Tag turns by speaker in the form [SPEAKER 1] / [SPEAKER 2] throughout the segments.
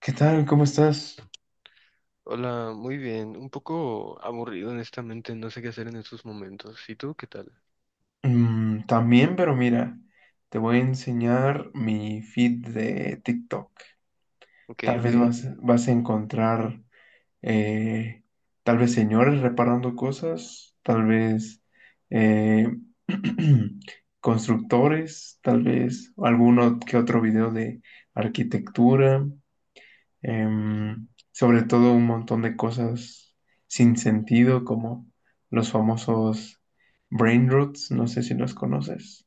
[SPEAKER 1] ¿Qué tal? ¿Cómo estás?
[SPEAKER 2] Hola, muy bien. Un poco aburrido, honestamente. No sé qué hacer en estos momentos. ¿Y tú qué tal?
[SPEAKER 1] Mm, también, pero mira, te voy a enseñar mi feed de TikTok.
[SPEAKER 2] Ok,
[SPEAKER 1] Tal
[SPEAKER 2] ok.
[SPEAKER 1] vez vas a encontrar, eh, tal vez señores reparando cosas, tal vez eh, constructores, tal vez alguno que otro video de arquitectura,
[SPEAKER 2] Mm.
[SPEAKER 1] sobre todo un montón de cosas sin sentido, como los famosos brain roots, no sé si los conoces.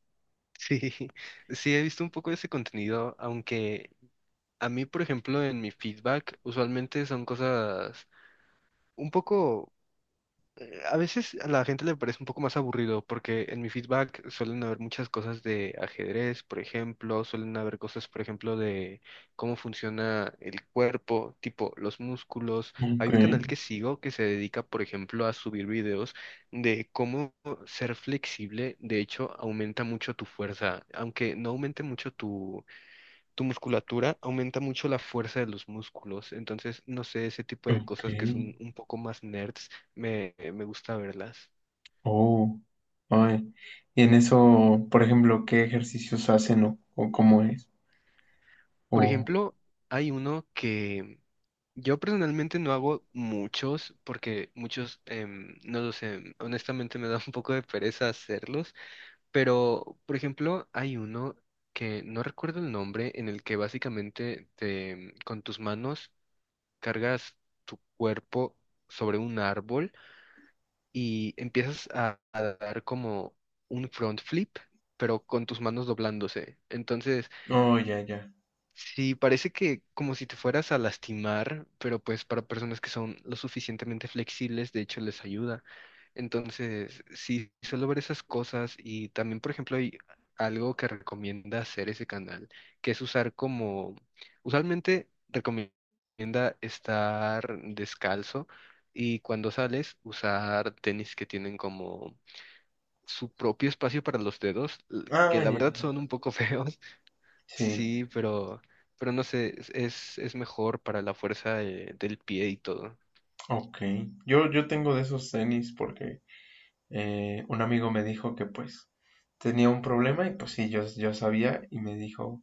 [SPEAKER 2] Sí, sí, he visto un poco de ese contenido, aunque a mí, por ejemplo, en mi feedback, usualmente son cosas un poco a veces a la gente le parece un poco más aburrido porque en mi feedback suelen haber muchas cosas de ajedrez, por ejemplo, suelen haber cosas, por ejemplo, de cómo funciona el cuerpo, tipo los músculos. Hay
[SPEAKER 1] Ok,
[SPEAKER 2] un canal que sigo que se dedica, por ejemplo, a subir videos de cómo ser flexible. De hecho, aumenta mucho tu fuerza, aunque no aumente mucho tu musculatura, aumenta mucho la fuerza de los músculos. Entonces, no sé, ese tipo de
[SPEAKER 1] ok.
[SPEAKER 2] cosas que son un poco más nerds, me gusta verlas.
[SPEAKER 1] Oh, ay. Y en eso, por ejemplo, ¿qué ejercicios hacen o cómo es?
[SPEAKER 2] Por
[SPEAKER 1] O,
[SPEAKER 2] ejemplo, hay uno que yo personalmente no hago muchos, porque muchos, no lo sé, honestamente me da un poco de pereza hacerlos, pero, por ejemplo, hay uno que no recuerdo el nombre, en el que básicamente te, con tus manos cargas tu cuerpo sobre un árbol y empiezas a dar como un front flip, pero con tus manos doblándose. Entonces,
[SPEAKER 1] oh, ya, ya.
[SPEAKER 2] sí, parece que como si te fueras a lastimar, pero pues para personas que son lo suficientemente flexibles, de hecho les ayuda. Entonces, sí, suelo ver esas cosas y también, por ejemplo, hay algo que recomienda hacer ese canal, que es usar como, usualmente recomienda estar descalzo y cuando sales usar tenis que tienen como su propio espacio para los dedos,
[SPEAKER 1] Ah,
[SPEAKER 2] que la
[SPEAKER 1] ya,
[SPEAKER 2] verdad son
[SPEAKER 1] ya.
[SPEAKER 2] un poco feos.
[SPEAKER 1] Sí,
[SPEAKER 2] Sí, pero no sé, es mejor para la fuerza del pie y todo.
[SPEAKER 1] ok. Yo tengo de esos tenis porque un amigo me dijo que pues tenía un problema y pues sí, yo sabía y me dijo,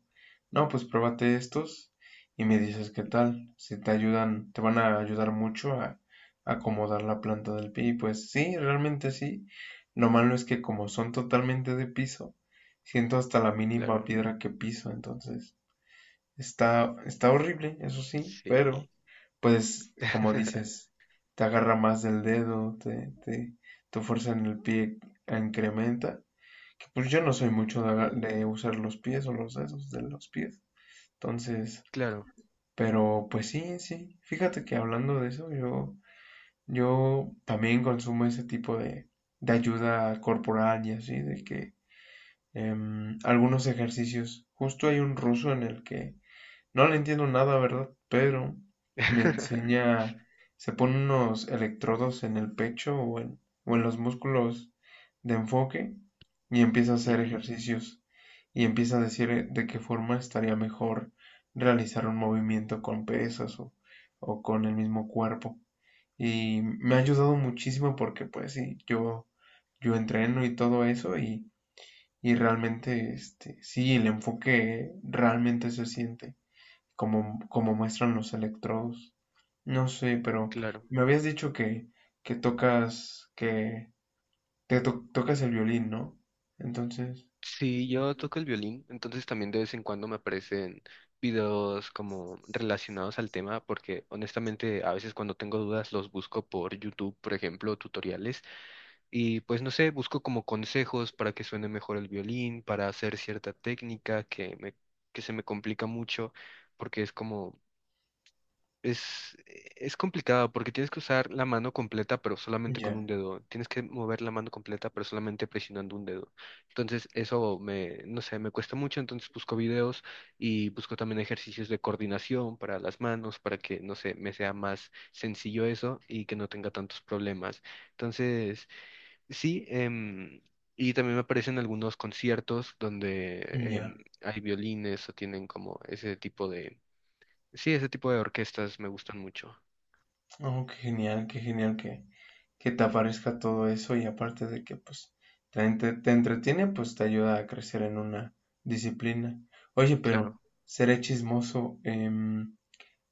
[SPEAKER 1] no, pues pruébate estos y me dices qué tal, si te ayudan, te van a ayudar mucho a acomodar la planta del pie. Y pues sí, realmente sí. Lo malo es que como son totalmente de piso, siento hasta la mínima
[SPEAKER 2] Claro,
[SPEAKER 1] piedra que piso, entonces está horrible, eso sí, pero
[SPEAKER 2] sí,
[SPEAKER 1] pues, como dices, te agarra más del dedo, tu fuerza en el pie incrementa. Que, pues yo no soy mucho de,
[SPEAKER 2] sí,
[SPEAKER 1] de usar los pies o los dedos de los pies. Entonces,
[SPEAKER 2] claro.
[SPEAKER 1] pero pues sí, sí. Fíjate que hablando de eso, yo también consumo ese tipo de ayuda corporal y así, de que algunos ejercicios, justo hay un ruso en el que no le entiendo nada, ¿verdad? Pero me enseña, se pone unos electrodos en el pecho o en los músculos de enfoque y empieza a hacer
[SPEAKER 2] Ujú,
[SPEAKER 1] ejercicios y empieza a decir de qué forma estaría mejor realizar un movimiento con pesas o con el mismo cuerpo. Y me ha ayudado muchísimo porque pues sí, yo entreno y todo eso y realmente, este, sí, el enfoque realmente se siente como muestran los electrodos. No sé, pero
[SPEAKER 2] claro.
[SPEAKER 1] me habías dicho que tocas, que tocas el violín, ¿no? Entonces,
[SPEAKER 2] Sí, yo toco el violín, entonces también de vez en cuando me aparecen videos como relacionados al tema, porque honestamente a veces cuando tengo dudas los busco por YouTube, por ejemplo, tutoriales, y pues no sé, busco como consejos para que suene mejor el violín, para hacer cierta técnica que se me complica mucho, porque es como es, es complicado porque tienes que usar la mano completa pero solamente con
[SPEAKER 1] ya,
[SPEAKER 2] un dedo. Tienes que mover la mano completa pero solamente presionando un dedo. Entonces eso me, no sé, me cuesta mucho. Entonces busco videos y busco también ejercicios de coordinación para las manos, para que, no sé, me sea más sencillo eso y que no tenga tantos problemas. Entonces, sí, y también me aparecen algunos conciertos donde
[SPEAKER 1] ya.
[SPEAKER 2] em, hay violines o tienen como ese tipo de... Sí, ese tipo de orquestas me gustan mucho,
[SPEAKER 1] Oh, qué genial que te aparezca todo eso y aparte de que pues te, te entretiene, pues te ayuda a crecer en una disciplina. Oye, pero
[SPEAKER 2] claro.
[SPEAKER 1] seré chismoso.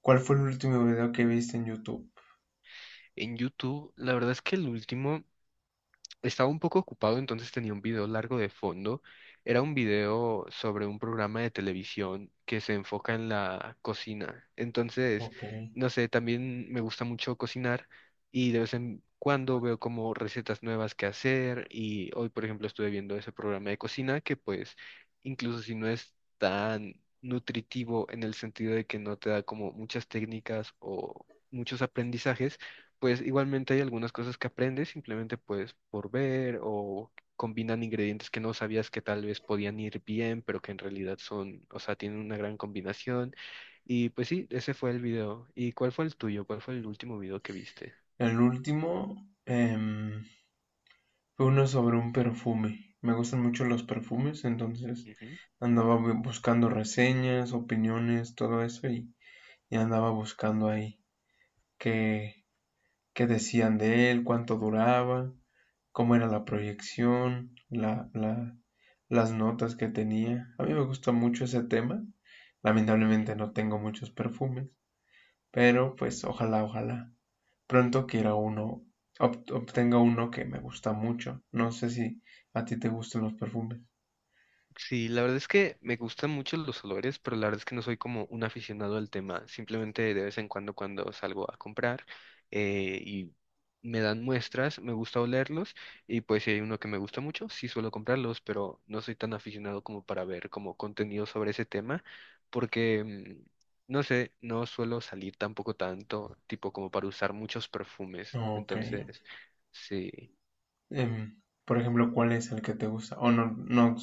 [SPEAKER 1] ¿Cuál fue el último video que viste en YouTube?
[SPEAKER 2] En YouTube, la verdad es que el último... Estaba un poco ocupado, entonces tenía un video largo de fondo. Era un video sobre un programa de televisión que se enfoca en la cocina. Entonces,
[SPEAKER 1] Ok.
[SPEAKER 2] no sé, también me gusta mucho cocinar y de vez en cuando veo como recetas nuevas que hacer y hoy, por ejemplo, estuve viendo ese programa de cocina que pues, incluso si no es tan nutritivo en el sentido de que no te da como muchas técnicas o muchos aprendizajes, pues igualmente hay algunas cosas que aprendes simplemente pues por ver o combinan ingredientes que no sabías que tal vez podían ir bien, pero que en realidad son, o sea, tienen una gran combinación. Y pues sí, ese fue el video. ¿Y cuál fue el tuyo? ¿Cuál fue el último video que viste?
[SPEAKER 1] El último, em, fue uno sobre un perfume. Me gustan mucho los perfumes, entonces
[SPEAKER 2] Ujú,
[SPEAKER 1] andaba buscando reseñas, opiniones, todo eso y andaba buscando ahí qué, qué decían de él, cuánto duraba, cómo era la proyección, las notas que tenía. A mí me gusta mucho ese tema.
[SPEAKER 2] ujú.
[SPEAKER 1] Lamentablemente no tengo muchos perfumes, pero pues ojalá, ojalá pronto quiera uno, obtenga uno que me gusta mucho. No sé si a ti te gustan los perfumes.
[SPEAKER 2] Sí, la verdad es que me gustan mucho los olores, pero la verdad es que no soy como un aficionado al tema. Simplemente de vez en cuando cuando salgo a comprar y me dan muestras, me gusta olerlos y pues si hay uno que me gusta mucho, sí suelo comprarlos, pero no soy tan aficionado como para ver como contenido sobre ese tema porque, mm, no sé, no suelo salir tampoco tanto, tipo como para usar muchos perfumes.
[SPEAKER 1] Ok.
[SPEAKER 2] Entonces, sí.
[SPEAKER 1] Em, por ejemplo, ¿cuál es el que te gusta? O no, no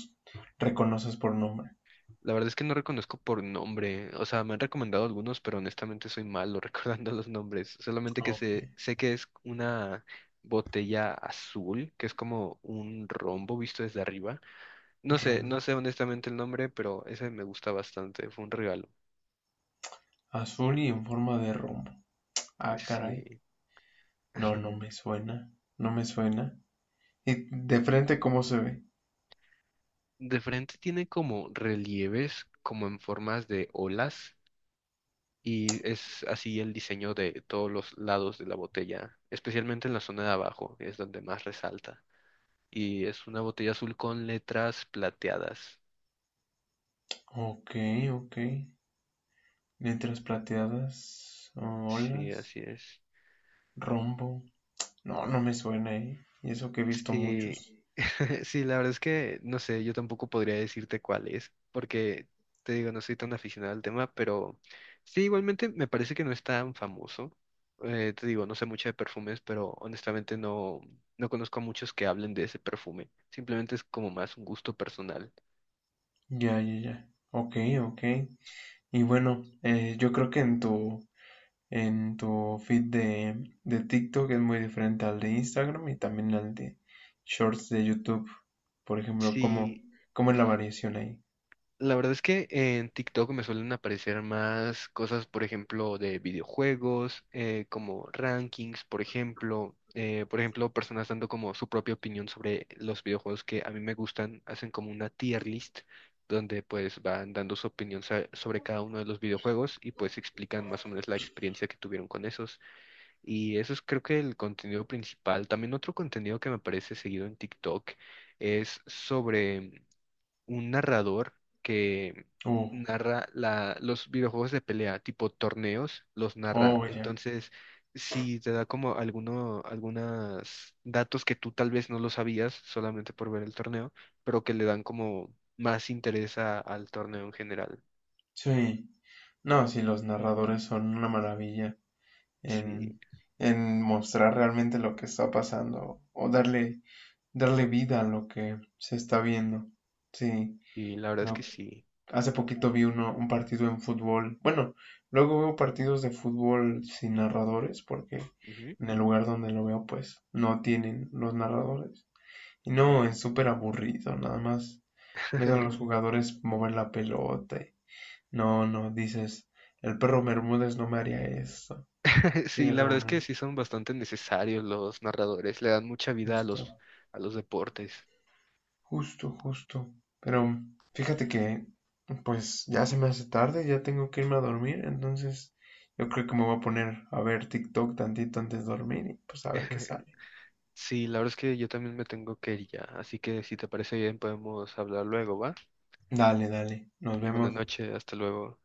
[SPEAKER 1] reconoces por nombre.
[SPEAKER 2] La verdad es que no reconozco por nombre. O sea, me han recomendado algunos, pero honestamente soy malo recordando los nombres. Solamente que
[SPEAKER 1] Ok.
[SPEAKER 2] sé que es una botella azul, que es como un rombo visto desde arriba. No sé,
[SPEAKER 1] Rom-
[SPEAKER 2] no sé honestamente el nombre, pero ese me gusta bastante. Fue un regalo.
[SPEAKER 1] azul y en forma de rombo. Ah, caray.
[SPEAKER 2] Sí.
[SPEAKER 1] No, no me suena. No me suena. ¿Y de frente cómo se ve?
[SPEAKER 2] De frente tiene como relieves, como en formas de olas. Y es así el diseño de todos los lados de la botella, especialmente en la zona de abajo, es donde más resalta. Y es una botella azul con letras plateadas.
[SPEAKER 1] Ok, ok. Letras plateadas,
[SPEAKER 2] Sí,
[SPEAKER 1] olas,
[SPEAKER 2] así es.
[SPEAKER 1] rombo. No, no me suena, ¿eh? Y eso que he visto
[SPEAKER 2] Sí,
[SPEAKER 1] muchos.
[SPEAKER 2] sí, la verdad es que no sé, yo tampoco podría decirte cuál es, porque te digo, no soy tan aficionado al tema, pero sí, igualmente me parece que no es tan famoso. Te digo, no sé mucho de perfumes, pero honestamente no, no conozco a muchos que hablen de ese perfume. Simplemente es como más un gusto personal.
[SPEAKER 1] Ya, ya, ya. Ok, ok. Y bueno, yo creo que en tu feed de TikTok es muy diferente al de Instagram y también al de Shorts de YouTube. Por ejemplo, ¿cómo,
[SPEAKER 2] Sí,
[SPEAKER 1] cómo es la variación ahí?
[SPEAKER 2] la verdad es que en TikTok me suelen aparecer más cosas, por ejemplo, de videojuegos, como rankings, por ejemplo. Por ejemplo, personas dando como su propia opinión sobre los videojuegos que a mí me gustan, hacen como una tier list donde pues van dando su opinión sobre cada uno de los videojuegos y pues explican más o menos la experiencia que tuvieron con esos. Y eso es creo que el contenido principal. También otro contenido que me aparece seguido en TikTok es sobre un narrador que
[SPEAKER 1] Oh,
[SPEAKER 2] narra los videojuegos de pelea, tipo torneos, los narra.
[SPEAKER 1] oh, ya.
[SPEAKER 2] Entonces, si te da como alguno, algunos datos que tú tal vez no lo sabías solamente por ver el torneo, pero que le dan como más interés al torneo en general.
[SPEAKER 1] Sí. No, sí, los narradores son una maravilla
[SPEAKER 2] Sí,
[SPEAKER 1] en, en mostrar realmente lo que está pasando o darle, darle vida a lo que se está viendo. Sí.
[SPEAKER 2] y la verdad es que
[SPEAKER 1] Lo
[SPEAKER 2] sí.
[SPEAKER 1] hace poquito vi uno, un partido en fútbol. Bueno, luego veo partidos de fútbol sin narradores porque
[SPEAKER 2] Ujú,
[SPEAKER 1] en el lugar donde lo veo pues no tienen los narradores. Y no,
[SPEAKER 2] claro.
[SPEAKER 1] es súper aburrido, nada más ves a los jugadores mover la pelota. Y- no, no, dices, el perro Bermúdez no me haría eso. Sí,
[SPEAKER 2] Sí, la verdad es que
[SPEAKER 1] realmente,
[SPEAKER 2] sí son bastante necesarios los narradores, le dan mucha vida
[SPEAKER 1] justo.
[SPEAKER 2] a los deportes.
[SPEAKER 1] Justo, justo. Pero fíjate que, pues ya se me hace tarde, ya tengo que irme a dormir, entonces yo creo que me voy a poner a ver TikTok tantito antes de dormir y pues a ver qué sale.
[SPEAKER 2] Sí, la verdad es que yo también me tengo que ir ya, así que si te parece bien podemos hablar luego, ¿va?
[SPEAKER 1] Dale, dale, nos
[SPEAKER 2] Buenas
[SPEAKER 1] vemos.
[SPEAKER 2] noches, hasta luego.